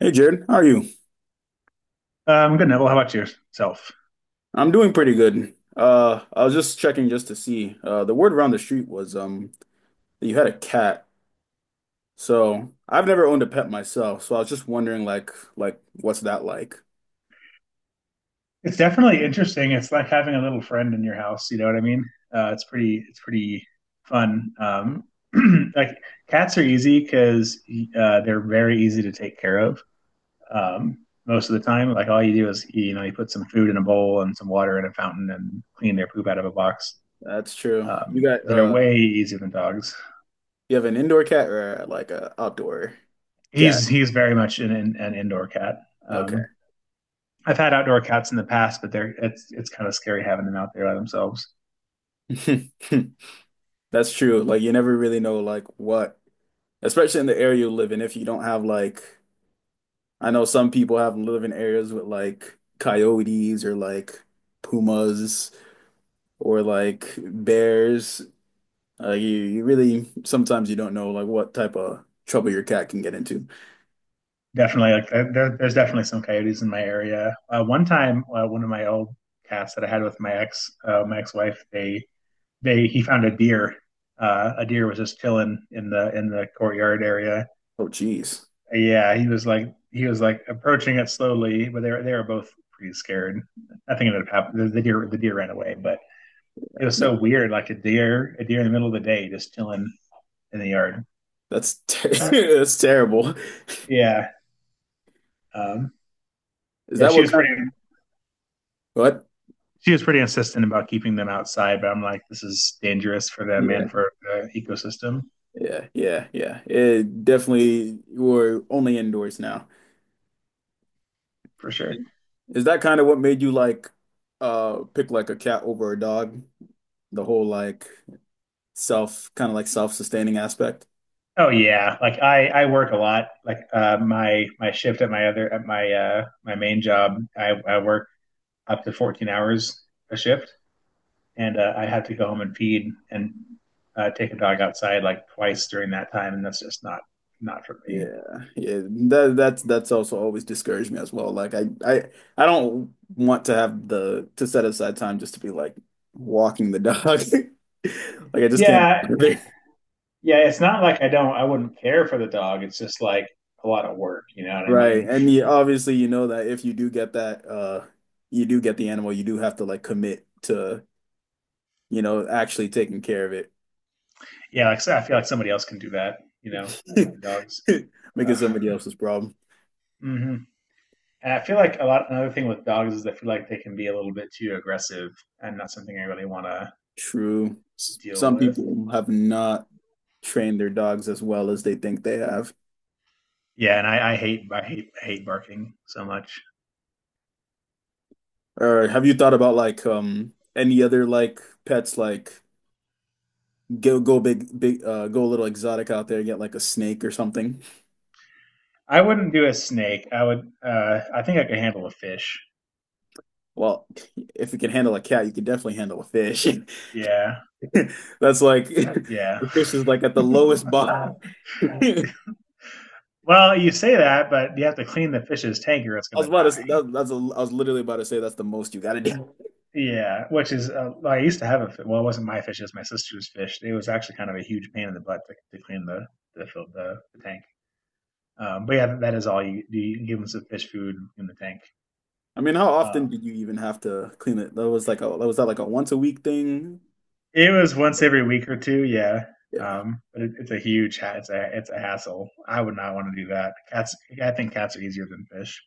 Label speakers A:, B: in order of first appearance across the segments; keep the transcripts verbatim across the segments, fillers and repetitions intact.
A: Hey Jared, how are you?
B: Um, good, Neville. How about yourself?
A: I'm doing pretty good. Uh, I was just checking just to see. Uh, the word around the street was um that you had a cat. So I've never owned a pet myself, so I was just wondering like like what's that like?
B: It's definitely interesting. It's like having a little friend in your house. You know what I mean? Uh, it's pretty. It's pretty fun. Um, like Cats are easy because uh, they're very easy to take care of. Um, most of the time, like all you do is you know you put some food in a bowl and some water in a fountain and clean their poop out of a box.
A: That's true. You
B: Um,
A: got
B: they're
A: uh
B: way easier than dogs.
A: you have an indoor cat or like a outdoor
B: He's
A: cat?
B: he's very much an, an indoor cat. Um,
A: Okay.
B: I've had outdoor cats in the past, but they're it's it's kind of scary having them out there by themselves.
A: That's true. Like you never really know like what, especially in the area you live in, if you don't have like I know some people have live in areas with like coyotes or like pumas, or like bears. Uh, you you really sometimes you don't know like what type of trouble your cat can get into.
B: Definitely, like there, there's definitely some coyotes in my area. Uh, one time, uh, one of my old cats that I had with my ex uh, my ex wife, they they he found a deer. Uh, a deer was just chilling in the in the courtyard area.
A: Oh, geez,
B: Yeah, he was like he was like approaching it slowly, but they were, they were both pretty scared. Nothing ended up happening. The, the deer the deer ran away, but it was
A: no,
B: so weird, like a deer a deer in the middle of the day just chilling in the yard.
A: that's ter that's terrible.
B: Yeah, um,
A: Is
B: yeah,
A: that
B: she
A: what
B: was
A: kind
B: pretty.
A: of what?
B: She was pretty insistent about keeping them outside, but I'm like, this is dangerous for them and
A: Yeah,
B: for the ecosystem
A: yeah, yeah, yeah. It definitely we're only indoors now.
B: for sure.
A: Is that kind of what made you like uh pick like a cat over a dog? The whole like self kind of like self-sustaining aspect?
B: Oh yeah, like I I work a lot. Like uh, my my shift at my other at my uh my main job, I I work up to fourteen hours a shift, and uh, I have to go home and feed and uh, take a dog outside like twice during that time, and that's just not not for me.
A: Yeah, yeah. That that's that's also always discouraged me as well. Like I I I don't want to have the to set aside time just to be like walking the dog. Like I just can't
B: Yeah,
A: be
B: yeah, it's not like I don't I wouldn't care for the dog. It's just like a lot of work, you know what I
A: right.
B: mean?
A: And you obviously you know that if you do get that uh you do get the animal, you do have to like commit to, you know, actually taking care of
B: Yeah, like I feel like somebody else can do that, you know, with
A: it.
B: the dogs.
A: Making
B: Uh,
A: somebody else's problem.
B: hmm And I feel like a lot. Another thing with dogs is I feel like they can be a little bit too aggressive, and not something I really want to
A: True. S-
B: deal
A: Some
B: with.
A: people have not trained their dogs as well as they think they have.
B: Yeah, and I, I hate I hate hate barking so much.
A: Or have you thought about like um any other like pets like go go big big uh go a little exotic out there get like a snake or something?
B: I wouldn't do a snake. I would. Uh, I think I could handle a fish.
A: Well, if you can handle a cat, you can definitely handle a fish.
B: Yeah,
A: That's like a
B: yeah.
A: fish is like at the lowest bottom. I
B: Well, you say that, but you have to clean the fish's tank or it's going
A: was
B: to
A: about to say,
B: die.
A: that, that's a, I was literally about to say that's the most you gotta do.
B: Yeah, which is uh, I used to have a fi- well, it wasn't my fish; it was my sister's fish. It was actually kind of a huge pain in the butt to, to clean the the, fill, the the tank. Um, but yeah, that is all you do. You give them some fish food in the tank.
A: I mean, how often
B: Um,
A: did you even have to clean it? That was like a that was that like a once a week thing?
B: it was once every week or two, yeah.
A: Yeah,
B: Um, but it, it's a huge ha- it's a it's a hassle. I would not want to do that. Cats, I think cats are easier than fish.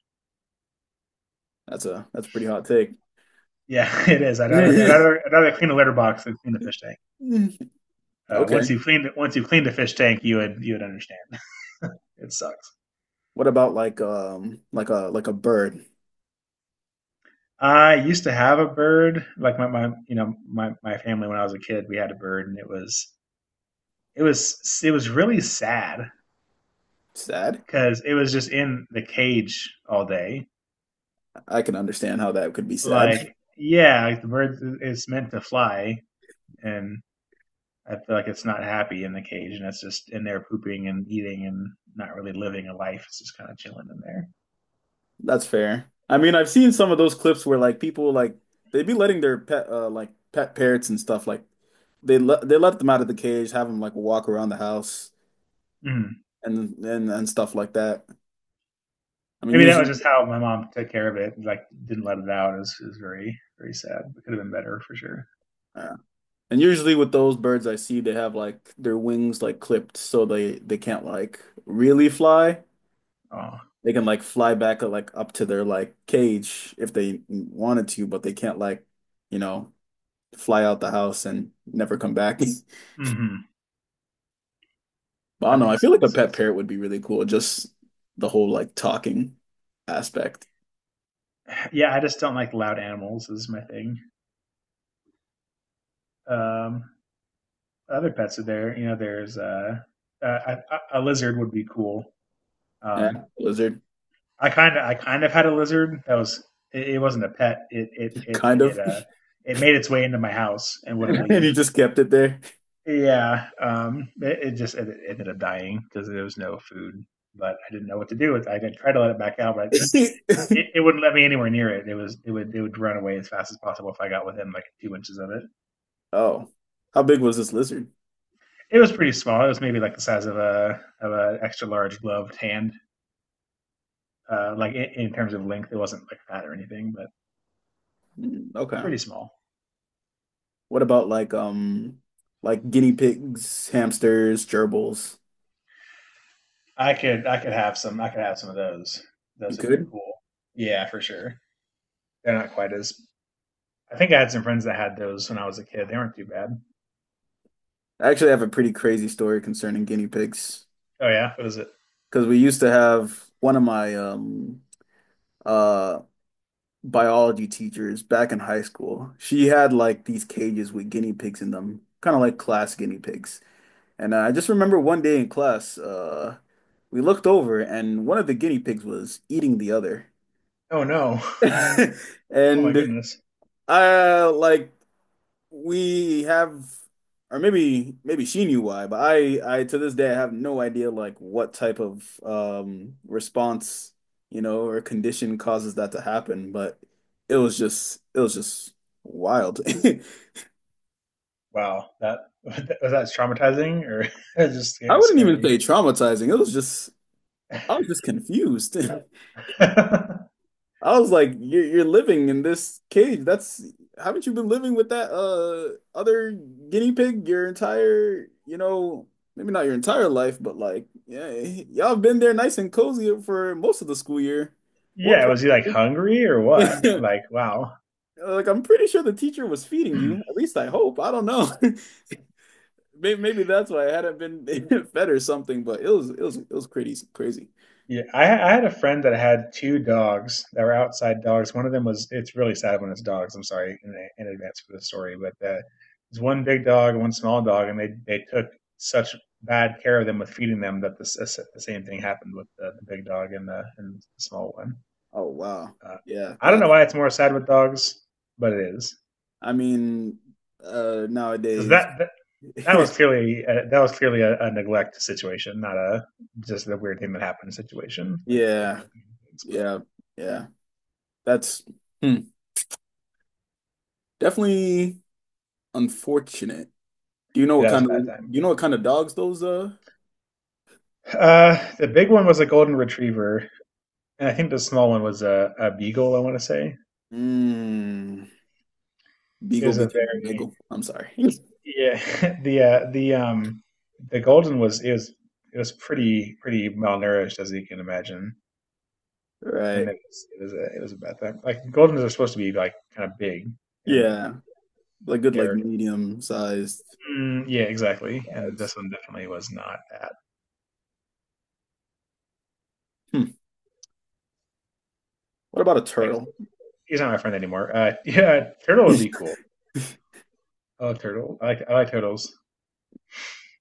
A: that's a that's a pretty hot take.
B: Yeah, it is. I'd rather I'd rather, I'd rather clean the litter box than clean the fish tank. Uh,
A: Okay.
B: once you cleaned once you clean the fish tank, you would you would understand. It sucks.
A: What about like um like a like a bird?
B: I used to have a bird, like my, my you know my my family when I was a kid, we had a bird, and it was it was it was really sad
A: Sad.
B: because it was just in the cage all day.
A: I can understand how that could be sad.
B: Like yeah, like the bird is meant to fly, and I feel like it's not happy in the cage, and it's just in there pooping and eating and not really living a life. It's just kind of chilling in there.
A: That's fair. I mean, I've seen some of those clips where like people like they'd be letting their pet uh like pet parrots and stuff like they let they let them out of the cage, have them like walk around the house
B: Mm.
A: and and and stuff like that. I mean,
B: Maybe that was
A: usually
B: just how my mom took care of it. Like didn't let it out. It was, it was very very sad. It could have been better for sure.
A: uh, and usually with those birds I see they have like their wings like clipped so they they can't like really fly.
B: Oh.
A: They can like fly back uh, like up to their like cage if they wanted to, but they can't like, you know, fly out the house and never come back.
B: Hmm.
A: But I don't
B: That
A: know. I
B: makes
A: feel like a
B: sense.
A: pet parrot would be really cool. Just the whole like talking aspect.
B: Yeah, I just don't like loud animals. Is my thing. Um, other pets are there. You know, there's uh, uh, a, a lizard would be cool.
A: Yeah,
B: Um,
A: lizard,
B: I kind of I kind of had a lizard that was it, it wasn't a pet. It it it
A: kind
B: it
A: of.
B: uh it made its way into my house and wouldn't
A: And
B: leave.
A: he just kept it there.
B: Yeah, um, it, it just it, it ended up dying because there was no food. But I didn't know what to do with. It. I didn't try to let it back out, but it, it wouldn't let me anywhere near it. It was it would It would run away as fast as possible if I got within like two inches of it.
A: Oh, how big was this lizard?
B: It was pretty small. It was maybe like the size of a of an extra large gloved hand. Uh, like in, in terms of length, it wasn't like fat or anything, but
A: Mm, okay.
B: pretty small.
A: What about like um like guinea pigs, hamsters, gerbils?
B: I could I could have some. I could have some of those.
A: You
B: Those would be
A: could?
B: cool. Yeah, for sure. They're not quite as. I think I had some friends that had those when I was a kid. They weren't too bad.
A: I actually have a pretty crazy story concerning guinea pigs.
B: Oh yeah, what is it?
A: Because we used to have one of my um uh biology teachers back in high school. She had like these cages with guinea pigs in them, kind of like class guinea pigs. And I just remember one day in class, uh we looked over and one of the guinea pigs was eating the other.
B: Oh no. Oh my
A: And
B: goodness.
A: I like we have or maybe maybe she knew why, but I I to this day I have no idea like what type of um response, you know, or condition causes that to happen, but it was just it was just wild.
B: Wow. That was that traumatizing or just
A: I wouldn't even
B: scary.
A: say traumatizing. It was just I was just confused. I was like, you're, you're living in this cage. That's Haven't you been living with that uh other guinea pig your entire, you know, maybe not your entire life, but like, yeah, y'all have been there nice and cozy for most of the school year. What
B: Yeah, was he like
A: problem?
B: hungry or what?
A: Yeah.
B: Like wow.
A: Like I'm pretty sure the teacher was feeding you. At least I hope. I don't know. May- Maybe that's why I hadn't been fed or something, but it was it was it was crazy crazy.
B: Yeah, I, I had a friend that had two dogs that were outside dogs. One of them was, it's really sad when it's dogs. I'm sorry in, in advance for the story, but uh, there's one big dog and one small dog, and they, they took such bad care of them with feeding them that the, s- the same thing happened with the, the big dog and the, and the small one.
A: Oh wow.
B: Uh,
A: Yeah,
B: I don't know
A: that's
B: why it's more sad with dogs, but it is
A: I mean uh
B: because
A: nowadays.
B: that, that that was clearly uh that was clearly a, a neglect situation, not a just a weird thing that happened situation like the, like
A: Yeah,
B: the things. But
A: yeah, yeah. That's hmm, definitely unfortunate. Do you know
B: yeah,
A: what
B: that was
A: kind
B: a
A: of
B: bad
A: do
B: time.
A: you know what kind of dogs those uh
B: Uh, the big one was a golden retriever, and I think the small one was a, a beagle. I want to say
A: mm,
B: it
A: beagle
B: was a
A: became a
B: very
A: beagle. I'm sorry.
B: yeah the uh, the um the golden was it was it was pretty pretty malnourished as you can imagine, and
A: Right.
B: it was it was a, it was a bad thing. Like goldens are supposed to be like kind of big and like
A: Yeah. Like good like
B: they're
A: medium sized
B: mm, yeah exactly, and
A: dogs.
B: this one definitely was not that.
A: Hmm. What about a
B: Yeah, he's
A: turtle?
B: he's not my friend anymore. Uh, yeah, turtle would be cool. I love turtle. I like I like turtles.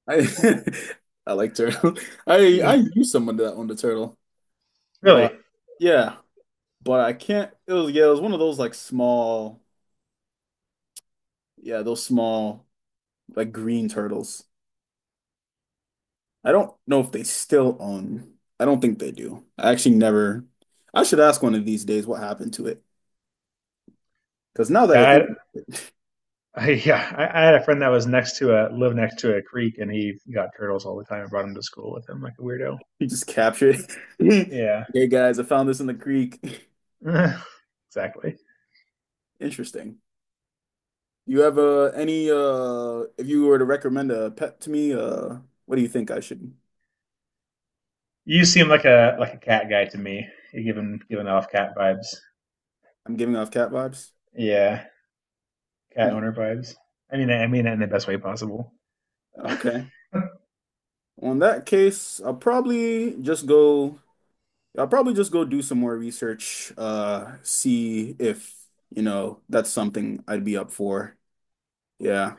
A: I I like turtle. I I knew someone that owned a turtle,
B: Really.
A: but yeah, but I can't. It was yeah, it was one of those like small, yeah, those small like green turtles. I don't know if they still own. I don't think they do. I actually never. I should ask one of these days what happened to it. Because now that
B: Yeah,
A: I think
B: I, I, yeah, I, I had a friend that was next to a lived next to a creek, and he got turtles all the time and brought them to school with him like a weirdo.
A: he just captured it.
B: Yeah,
A: Hey guys, I found this in the creek.
B: exactly.
A: Interesting. You have uh, any uh if you were to recommend a pet to me, uh what do you think I should?
B: You seem like a like a cat guy to me. You're giving giving off cat vibes.
A: I'm giving off cat vibes.
B: Yeah, cat
A: Hmm.
B: owner vibes. I mean, I mean that in the best way possible. Uh,
A: Okay. Well, in that case, I'll probably just go I'll probably just go do some more research, uh, see if, you know, that's something I'd be up for. Yeah.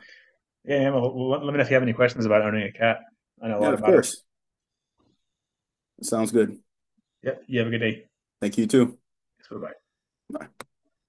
B: yeah, well, let let me know if you have any questions about owning a cat. I know a
A: Yeah,
B: lot
A: of
B: about it.
A: course. Sounds good.
B: Yep. You have a good day.
A: Thank you too.
B: Bye bye.
A: Bye.